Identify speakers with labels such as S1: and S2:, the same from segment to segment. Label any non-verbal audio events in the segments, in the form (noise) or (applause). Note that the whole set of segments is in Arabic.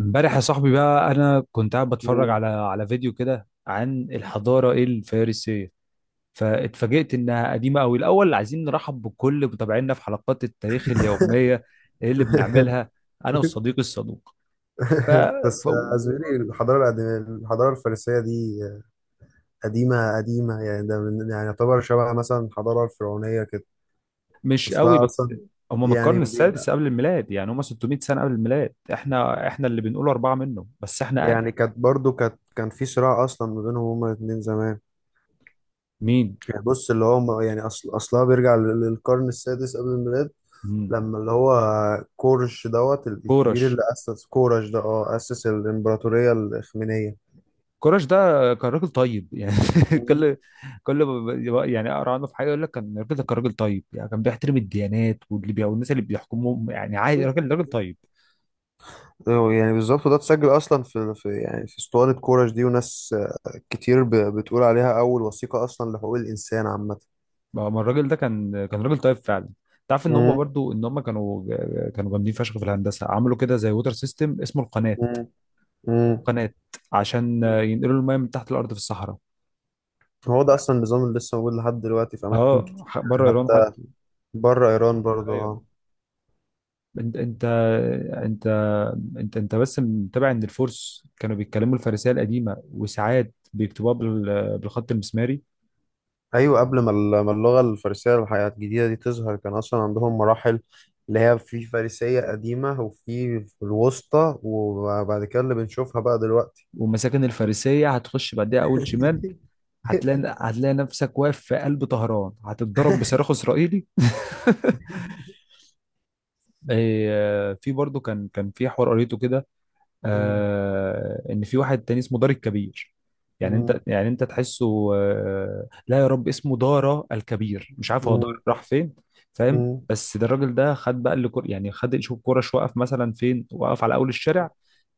S1: امبارح يا صاحبي بقى، انا كنت قاعد بتفرج
S2: مم.
S1: على فيديو كده عن الحضاره الفارسيه، فاتفاجئت انها قديمه قوي. الاول عايزين نرحب بكل متابعينا في حلقات التاريخ
S2: (laughs)
S1: اليوميه اللي بنعملها انا وصديقي الصدوق. ف... ف...
S2: بس زميلي الحضارة القديمة. الحضارة الفارسية دي قديمة قديمة، يعني ده من يعني يعتبر شبه مثلا الحضارة الفرعونية كده.
S1: مش قوي،
S2: أصلها
S1: بس
S2: أصلا
S1: هم من
S2: يعني
S1: القرن السادس
S2: بيبقى
S1: قبل الميلاد. يعني هم 600 سنه قبل الميلاد، احنا اللي بنقول اربعه، منه بس احنا اقدم.
S2: يعني كانت برضو كانت كان في صراع أصلا ما بينهم هما الاتنين زمان.
S1: مين؟
S2: يعني بص اللي هو يعني أصلها بيرجع للقرن السادس قبل الميلاد،
S1: مم.
S2: لما اللي هو كورش دوت الكبير
S1: كورش،
S2: اللي أسس كورش ده أسس الإمبراطورية الإخمينية.
S1: كراش ده كان راجل طيب يعني. (laughs) كل كل ما ب- يعني اقرا عنه في حاجه يقول لك كان الراجل ده كان راجل طيب، يعني كان بيحترم الديانات والناس اللي بيحكمهم، يعني عادي راجل راجل
S2: مم.
S1: طيب.
S2: يعني بالظبط ده اتسجل اصلا في يعني في اسطوانه كورش دي، وناس كتير بتقول عليها اول وثيقه اصلا لحقوق الانسان عامه.
S1: ما الراجل ده كان راجل طيب فعلا. تعرف ان هم
S2: مم.
S1: برضو، ان هم كانوا جامدين فشخ في الهندسه، عملوا كده زي ووتر سيستم اسمه القناه.
S2: مم. مم.
S1: القناه عشان ينقلوا الميه من تحت الارض في الصحراء.
S2: هو ده اصلا النظام اللي لسه موجود لحد دلوقتي في اماكن
S1: اه،
S2: كتير.
S1: بره
S2: يعني
S1: ايران
S2: حتى
S1: حتى.
S2: بره ايران برضه
S1: ايوه،
S2: آه.
S1: انت انت انت انت بس متابع ان الفرس كانوا بيتكلموا الفارسيه القديمه، وساعات بيكتبوها بالخط المسماري.
S2: ايوه، قبل ما ما اللغه الفارسيه الحياه الجديده دي تظهر كان اصلا عندهم مراحل، اللي هي في فارسيه قديمه وفي الوسطى، وبعد كده اللي بنشوفها بقى دلوقتي.
S1: ومساكن الفارسيه هتخش بعدها اول شمال، هتلاقي نفسك واقف في قلب طهران، هتتضرب بصاروخ اسرائيلي. (laughs) إيه، في برضه كان في حوار قريته كده،
S2: (laughs)
S1: آه، ان في واحد تاني اسمه دار الكبير. يعني
S2: مم.
S1: انت، يعني انت تحسه، آه لا يا رب، اسمه دارا الكبير، مش عارف هو دار
S2: مم.
S1: راح فين. فاهم؟
S2: مم.
S1: بس ده الراجل ده خد بقى، يعني خد شوف كرة، وقف مثلا فين؟ وقف على اول الشارع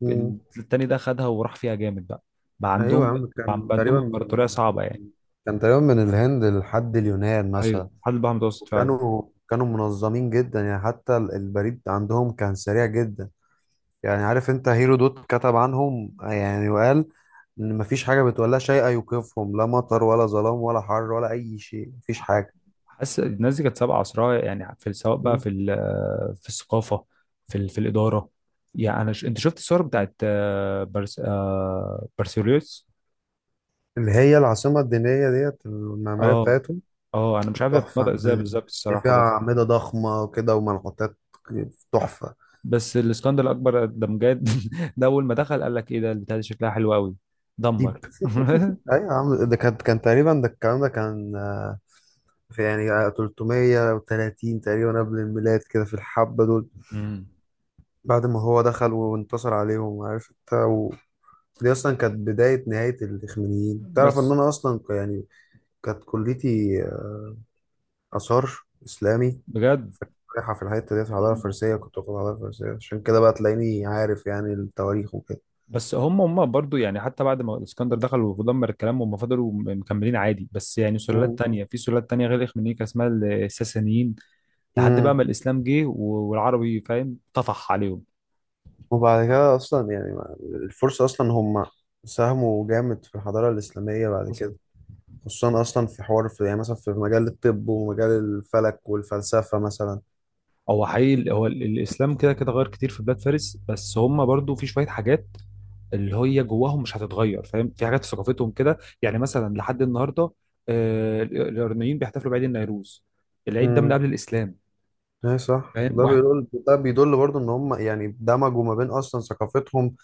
S2: مم.
S1: التاني، ده خدها وراح فيها جامد. بقى بقى
S2: ايوه يا
S1: عندهم
S2: عم،
S1: بقى عندهم امبراطورية صعبة يعني.
S2: كان تقريبا من الهند لحد اليونان
S1: ايوه،
S2: مثلا.
S1: حد بقى متوسط فعلا.
S2: وكانوا منظمين جدا، يعني حتى البريد عندهم كان سريع جدا. يعني عارف انت هيرودوت كتب عنهم يعني وقال ان مفيش حاجه بتولى شيء يوقفهم، لا مطر ولا ظلام ولا حر ولا اي شيء، مفيش حاجه.
S1: حاسس الناس دي كانت سابقة عصرها، يعني في، سواء بقى في
S2: مم.
S1: في الثقافة، في في الإدارة. يعني أنت شفت الصور بتاعت، آه، بارسيليوس.
S2: اللي هي العاصمه الدينيه ديت المعماريه
S1: اه
S2: بتاعتهم.
S1: اه أنا مش عارف هي
S2: تحفه يا
S1: بتنطق إزاي
S2: معلم،
S1: بالظبط
S2: هي فيها
S1: الصراحة، بس
S2: اعمده ضخمه كده ومنحوتات. تحفه.
S1: الاسكندر الأكبر ده بجد. (laughs) ده أول ما دخل قال لك إيه ده؟ البتاع دي شكلها حلو أوي،
S2: دي
S1: دمر. (laughs)
S2: ايوه يا عم، ده كان تقريبا، ده الكلام ده كان في يعني 330 تقريبا قبل الميلاد كده في الحبة دول.
S1: مم.
S2: بعد ما هو دخل وانتصر عليهم عارف انت دي اصلا كانت بداية نهاية الاخمينيين. تعرف ان
S1: بس
S2: انا اصلا يعني كانت كليتي آثار إسلامي،
S1: بجد
S2: فكنت رايحة في الحتة ديت في الحضارة الفارسية، كنت واخد حضارة فارسية، عشان كده بقى تلاقيني عارف يعني التواريخ وكده.
S1: بس هم برضو يعني، حتى بعد ما الاسكندر دخل ودمر الكلام، هم فضلوا مكملين عادي، بس يعني سلالات
S2: مم.
S1: تانية، في سلالات تانية غير الإخمينيكا اسمها الساسانيين، لحد بقى
S2: مم.
S1: ما الإسلام جه والعربي، فاهم، طفح عليهم.
S2: وبعد كده اصلا يعني الفرس اصلا هم ساهموا جامد في الحضاره الاسلاميه بعد
S1: حصل.
S2: كده، خصوصا اصلا في حوار في يعني مثلا في مجال الطب ومجال الفلك والفلسفه مثلا.
S1: هو حقيقي، هو الإسلام كده كده غير كتير في بلاد فارس، بس هم برضو في شوية حاجات اللي هي جواهم مش هتتغير، فاهم، في حاجات في ثقافتهم كده، يعني مثلا لحد النهاردة، آه، الإيرانيين بيحتفلوا بعيد النوروز، العيد ده من
S2: امم
S1: قبل الإسلام.
S2: اي صح، وده
S1: فاهم؟
S2: بيدل ده بيدل برضه ان هم يعني دمجوا ما بين اصلا ثقافتهم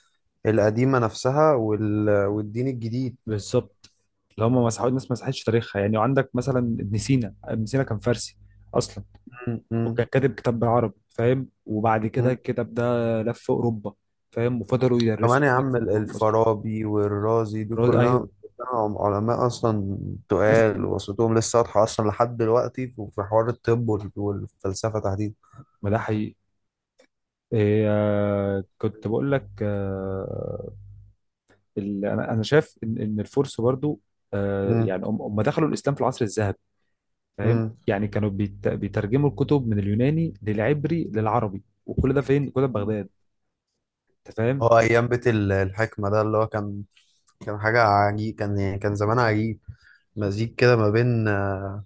S2: القديمه نفسها والدين الجديد.
S1: بالظبط. اللي هم مسحوا ناس ما مسحتش تاريخها، يعني وعندك مثلا ابن سينا. كان فارسي اصلا،
S2: امم
S1: وكان كاتب كتاب بالعربي، فاهم، وبعد كده الكتاب ده لف اوروبا، فاهم، وفضلوا
S2: كمان
S1: يدرسوه
S2: يا
S1: هناك
S2: عم،
S1: في قرون اصلا.
S2: الفارابي والرازي دي
S1: الراجل،
S2: كلها
S1: ايوه.
S2: كلها علماء أصلا
S1: ناس
S2: تقال،
S1: تقيله،
S2: وصوتهم لسه واضحة أصلا لحد دلوقتي في حوار الطب والفلسفة تحديدا.
S1: ما ده حقيقي. إيه، آه، كنت بقول لك آه، انا شايف ان الفرس برضو، آه،
S2: مم.
S1: يعني هم دخلوا الاسلام في العصر الذهبي، فاهم،
S2: مم.
S1: يعني كانوا بيترجموا الكتب من اليوناني للعبري للعربي، وكل ده فين؟ كل ده في بغداد. انت فاهم؟
S2: هو أيام بيت الحكمة ده اللي هو كان حاجة عجيب، كان يعني كان زمان عجيب، مزيج كده ما بين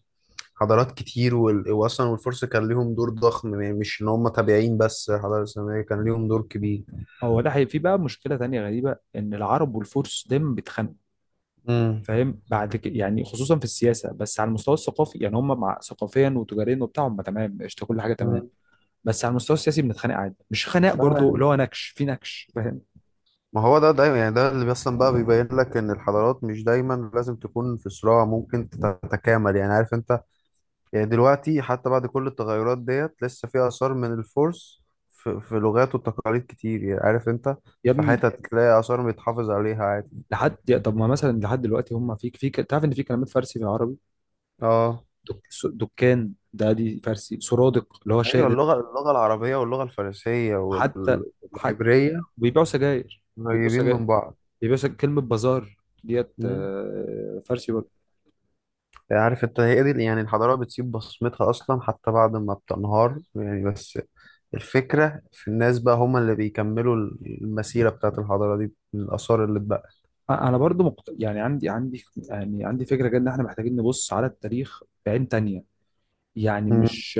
S2: حضارات كتير وأصلا والفرس كان ليهم دور ضخم، يعني مش إن هم تابعين بس، الحضارة الإسلامية كان ليهم دور كبير.
S1: هو ده في بقى مشكله تانية غريبه، ان العرب والفرس دايما بيتخانقوا،
S2: مم.
S1: فاهم، بعد كده، يعني خصوصا في السياسه، بس على المستوى الثقافي يعني هم مع، ثقافيا وتجاريا وبتاع هم تمام، قشطه، كل حاجه تمام.
S2: مم.
S1: بس على المستوى السياسي بنتخانق عادي، مش خناق برضو، اللي
S2: لا،
S1: هو نكش في نكش. فاهم؟
S2: ما هو ده دايما يعني ده اللي اصلا بقى بيبين لك ان الحضارات مش دايما لازم تكون في صراع، ممكن تتكامل، يعني عارف انت. يعني دلوقتي حتى بعد كل التغيرات ديت لسه في اثار من الفرس، في لغات وتقاليد كتير، يعني عارف انت.
S1: يا
S2: في
S1: ابني،
S2: حتت تلاقي اثار بيتحافظ عليها عادي.
S1: لحد طب، ما مثلا لحد دلوقتي هم في، في تعرف ان في كلمات فارسي في العربي؟
S2: اه
S1: دكان ده دي فارسي، سرادق اللي هو
S2: ايوه،
S1: شادر.
S2: اللغه العربيه واللغه الفارسيه
S1: وحتى حتى
S2: والعبريه
S1: بيبيعوا سجاير بيبيعوا
S2: قريبين
S1: سجاير
S2: من بعض.
S1: بيبيعوا سجاير كلمه بازار ديت،
S2: مم.
S1: آه، فارسي برضو.
S2: عارف انت هي دي يعني الحضارة بتسيب بصمتها أصلا حتى بعد ما بتنهار، يعني بس الفكرة في الناس بقى، هم اللي بيكملوا المسيرة بتاعت الحضارة دي من الآثار اللي اتبقت.
S1: انا برضو يعني عندي فكره كده، ان احنا محتاجين نبص على التاريخ بعين تانية. يعني
S2: مم.
S1: مش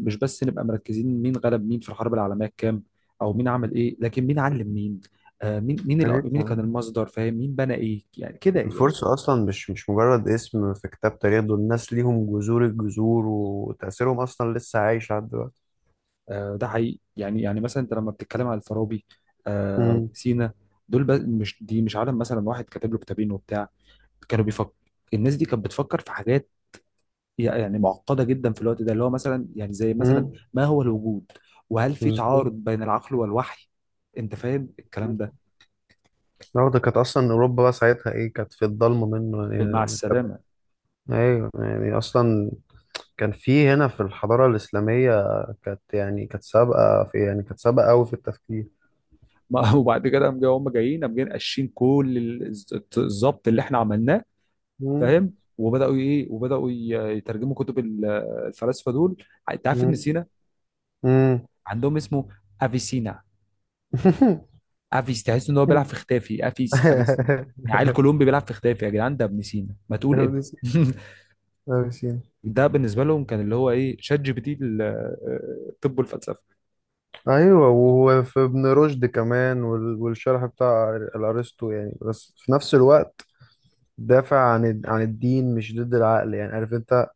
S1: مش بس نبقى مركزين مين غلب مين في الحرب العالميه الكام، او مين عمل ايه، لكن مين علم مين، آه،
S2: يا ريت يا
S1: مين كان
S2: عم،
S1: المصدر، فاهم، مين بنى ايه، يعني كده يعني.
S2: الفرصة أصلا مش مجرد اسم في كتاب تاريخ، دول الناس ليهم جذور الجذور وتأثيرهم أصلا لسه عايش لحد دلوقتي.
S1: آه، ده حقيقي. يعني مثلا انت لما بتتكلم على الفارابي، آه، وابن
S2: مم.
S1: سينا، دول بس، مش دي مش عالم مثلا واحد كاتب له كتابين وبتاع، كانوا بيفكر الناس دي كانت بتفكر في حاجات يعني معقده جدا في الوقت ده، اللي هو مثلا، يعني زي مثلا،
S2: مم.
S1: ما هو الوجود؟ وهل في
S2: بالظبط.
S1: تعارض بين العقل والوحي؟ انت فاهم الكلام ده؟
S2: لا، ده كانت أصلا أوروبا بقى ساعتها إيه، كانت في الضلمة منه،
S1: مع
S2: يعني
S1: السلامه.
S2: أيوه يعني أصلا كان في هنا في الحضارة الإسلامية، كانت يعني كانت سابقة في يعني كانت سابقة أوي في التفكير.
S1: ما (laughs) وبعد كده هم جايين قاشين كل الظبط اللي احنا عملناه،
S2: مم.
S1: فاهم، وبداوا ايه، وبداوا يترجموا كتب الفلاسفه دول. انت عارف ابن
S2: مم.
S1: سينا
S2: مم.
S1: عندهم اسمه افيسينا.
S2: (laughs)
S1: افيس، تحس ان هو بيلعب في اختافي، افيسي، يعني عيل كولومبي بيلعب في اختافي. يا جدعان ده ابن سينا، ما تقول ابن.
S2: ابن سينا.
S1: (laughs)
S2: ابن سينا.
S1: ده بالنسبه لهم كان اللي هو ايه، شات جي بي تي آه، الطب والفلسفه.
S2: أيوة، وهو في ابن رشد كمان والشرح بتاع الأرسطو يعني، بس في نفس الوقت دافع عن عن الدين مش ضد العقل يعني عارف أنت.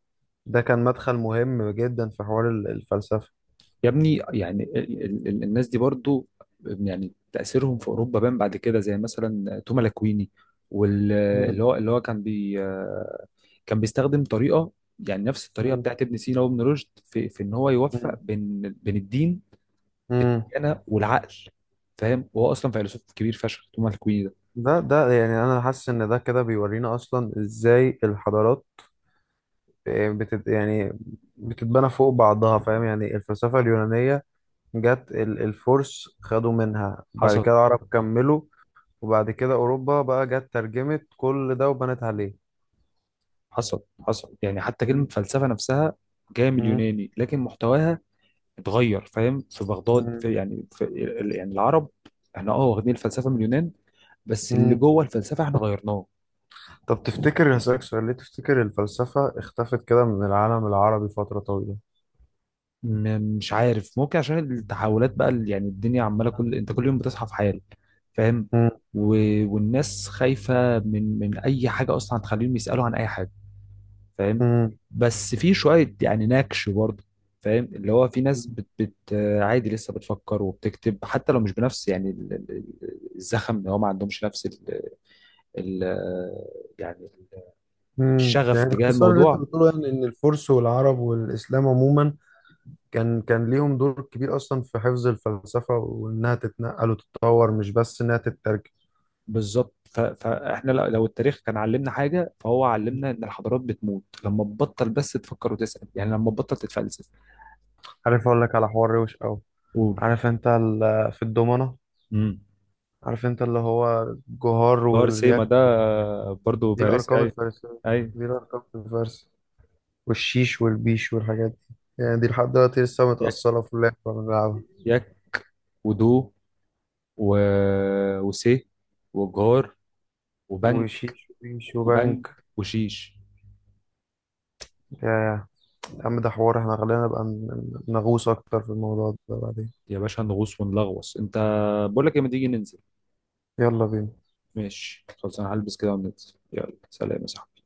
S2: ده كان مدخل مهم جدا في حوار الفلسفة.
S1: يا ابني، يعني الناس دي برضو، يعني تاثيرهم في اوروبا بان بعد كده، زي مثلا توما لاكويني، واللي
S2: مم.
S1: هو اللي هو كان بي آه، كان بيستخدم طريقه، يعني نفس الطريقه
S2: مم.
S1: بتاعت ابن سينا وابن رشد، في ان هو يوفق بين الدين، بين
S2: مم.
S1: الديانه والعقل، فاهم، وهو اصلا فيلسوف كبير فشخ توما لاكويني ده.
S2: ده يعني انا حاسس ان ده كده بيورينا اصلا ازاي الحضارات يعني بتتبنى فوق بعضها فاهم. يعني الفلسفه اليونانيه جت، الفرس خدوا منها، بعد كده
S1: حصل.
S2: العرب كملوا، وبعد كده اوروبا بقى جت ترجمت كل ده وبنت عليه.
S1: حصل يعني، حتى كلمه
S2: مم.
S1: فلسفه نفسها جايه من
S2: مم.
S1: اليوناني، لكن محتواها اتغير، فاهم، في بغداد، في
S2: مم.
S1: يعني في يعني، العرب، احنا اه واخدين الفلسفه من اليونان، بس اللي
S2: مم.
S1: جوه الفلسفه احنا غيرناه.
S2: طب تفتكر، هسألك سؤال، ليه تفتكر الفلسفه اختفت كده من العالم العربي فتره طويله؟
S1: مش عارف، ممكن عشان التحولات بقى، اللي يعني الدنيا عماله كل، انت كل يوم بتصحى في حال، فاهم،
S2: مم.
S1: و...، والناس خايفه من اي حاجه اصلا هتخليهم يسالوا عن اي حاجه، فاهم، بس في شويه يعني نكش برضه، فاهم، اللي هو في ناس
S2: مم.
S1: بت, بت آه، عادي لسه بتفكر وبتكتب، حتى لو مش بنفس، يعني الزخم، اللي هو ما عندهمش نفس ال- يعني الشغف
S2: يعني
S1: تجاه
S2: باختصار اللي انت
S1: الموضوع.
S2: بتقوله يعني ان الفرس والعرب والاسلام عموما كان ليهم دور كبير اصلا في حفظ الفلسفه وانها تتنقل وتتطور، مش بس انها تترجم.
S1: بالظبط. فاحنا لو التاريخ كان علمنا حاجه، فهو علمنا ان الحضارات بتموت لما تبطل بس تفكر وتسال، يعني لما تبطل تتفلسف.
S2: عارف اقول لك على حوار روش قوي.
S1: قول.
S2: عارف انت في الضمنة،
S1: امم.
S2: عارف انت اللي هو الجهار
S1: دار سيما
S2: والرياك،
S1: ده برضو
S2: دي
S1: فارسي؟
S2: الارقام
S1: اي.
S2: الفارسيه
S1: اي.
S2: دي الارقام الفارسيه والشيش والبيش والحاجات دي يعني، دي لحد دلوقتي لسه
S1: يك.
S2: متاصله في اللعبه بنلعبها.
S1: يك ودو، و...، وسي، وجار، وبنج.
S2: وشيش وبيش
S1: وبنج
S2: وبنك.
S1: وشيش.
S2: يا عم ده حوار احنا خلينا نبقى نغوص اكتر في الموضوع ده بعدين.
S1: يا باشا نغوص ونلغوص. انت، بقول لك ايه، ما تيجي ننزل؟
S2: يلا بينا
S1: ماشي، خلاص انا هلبس كده وننزل، يلا سلام يا صاحبي.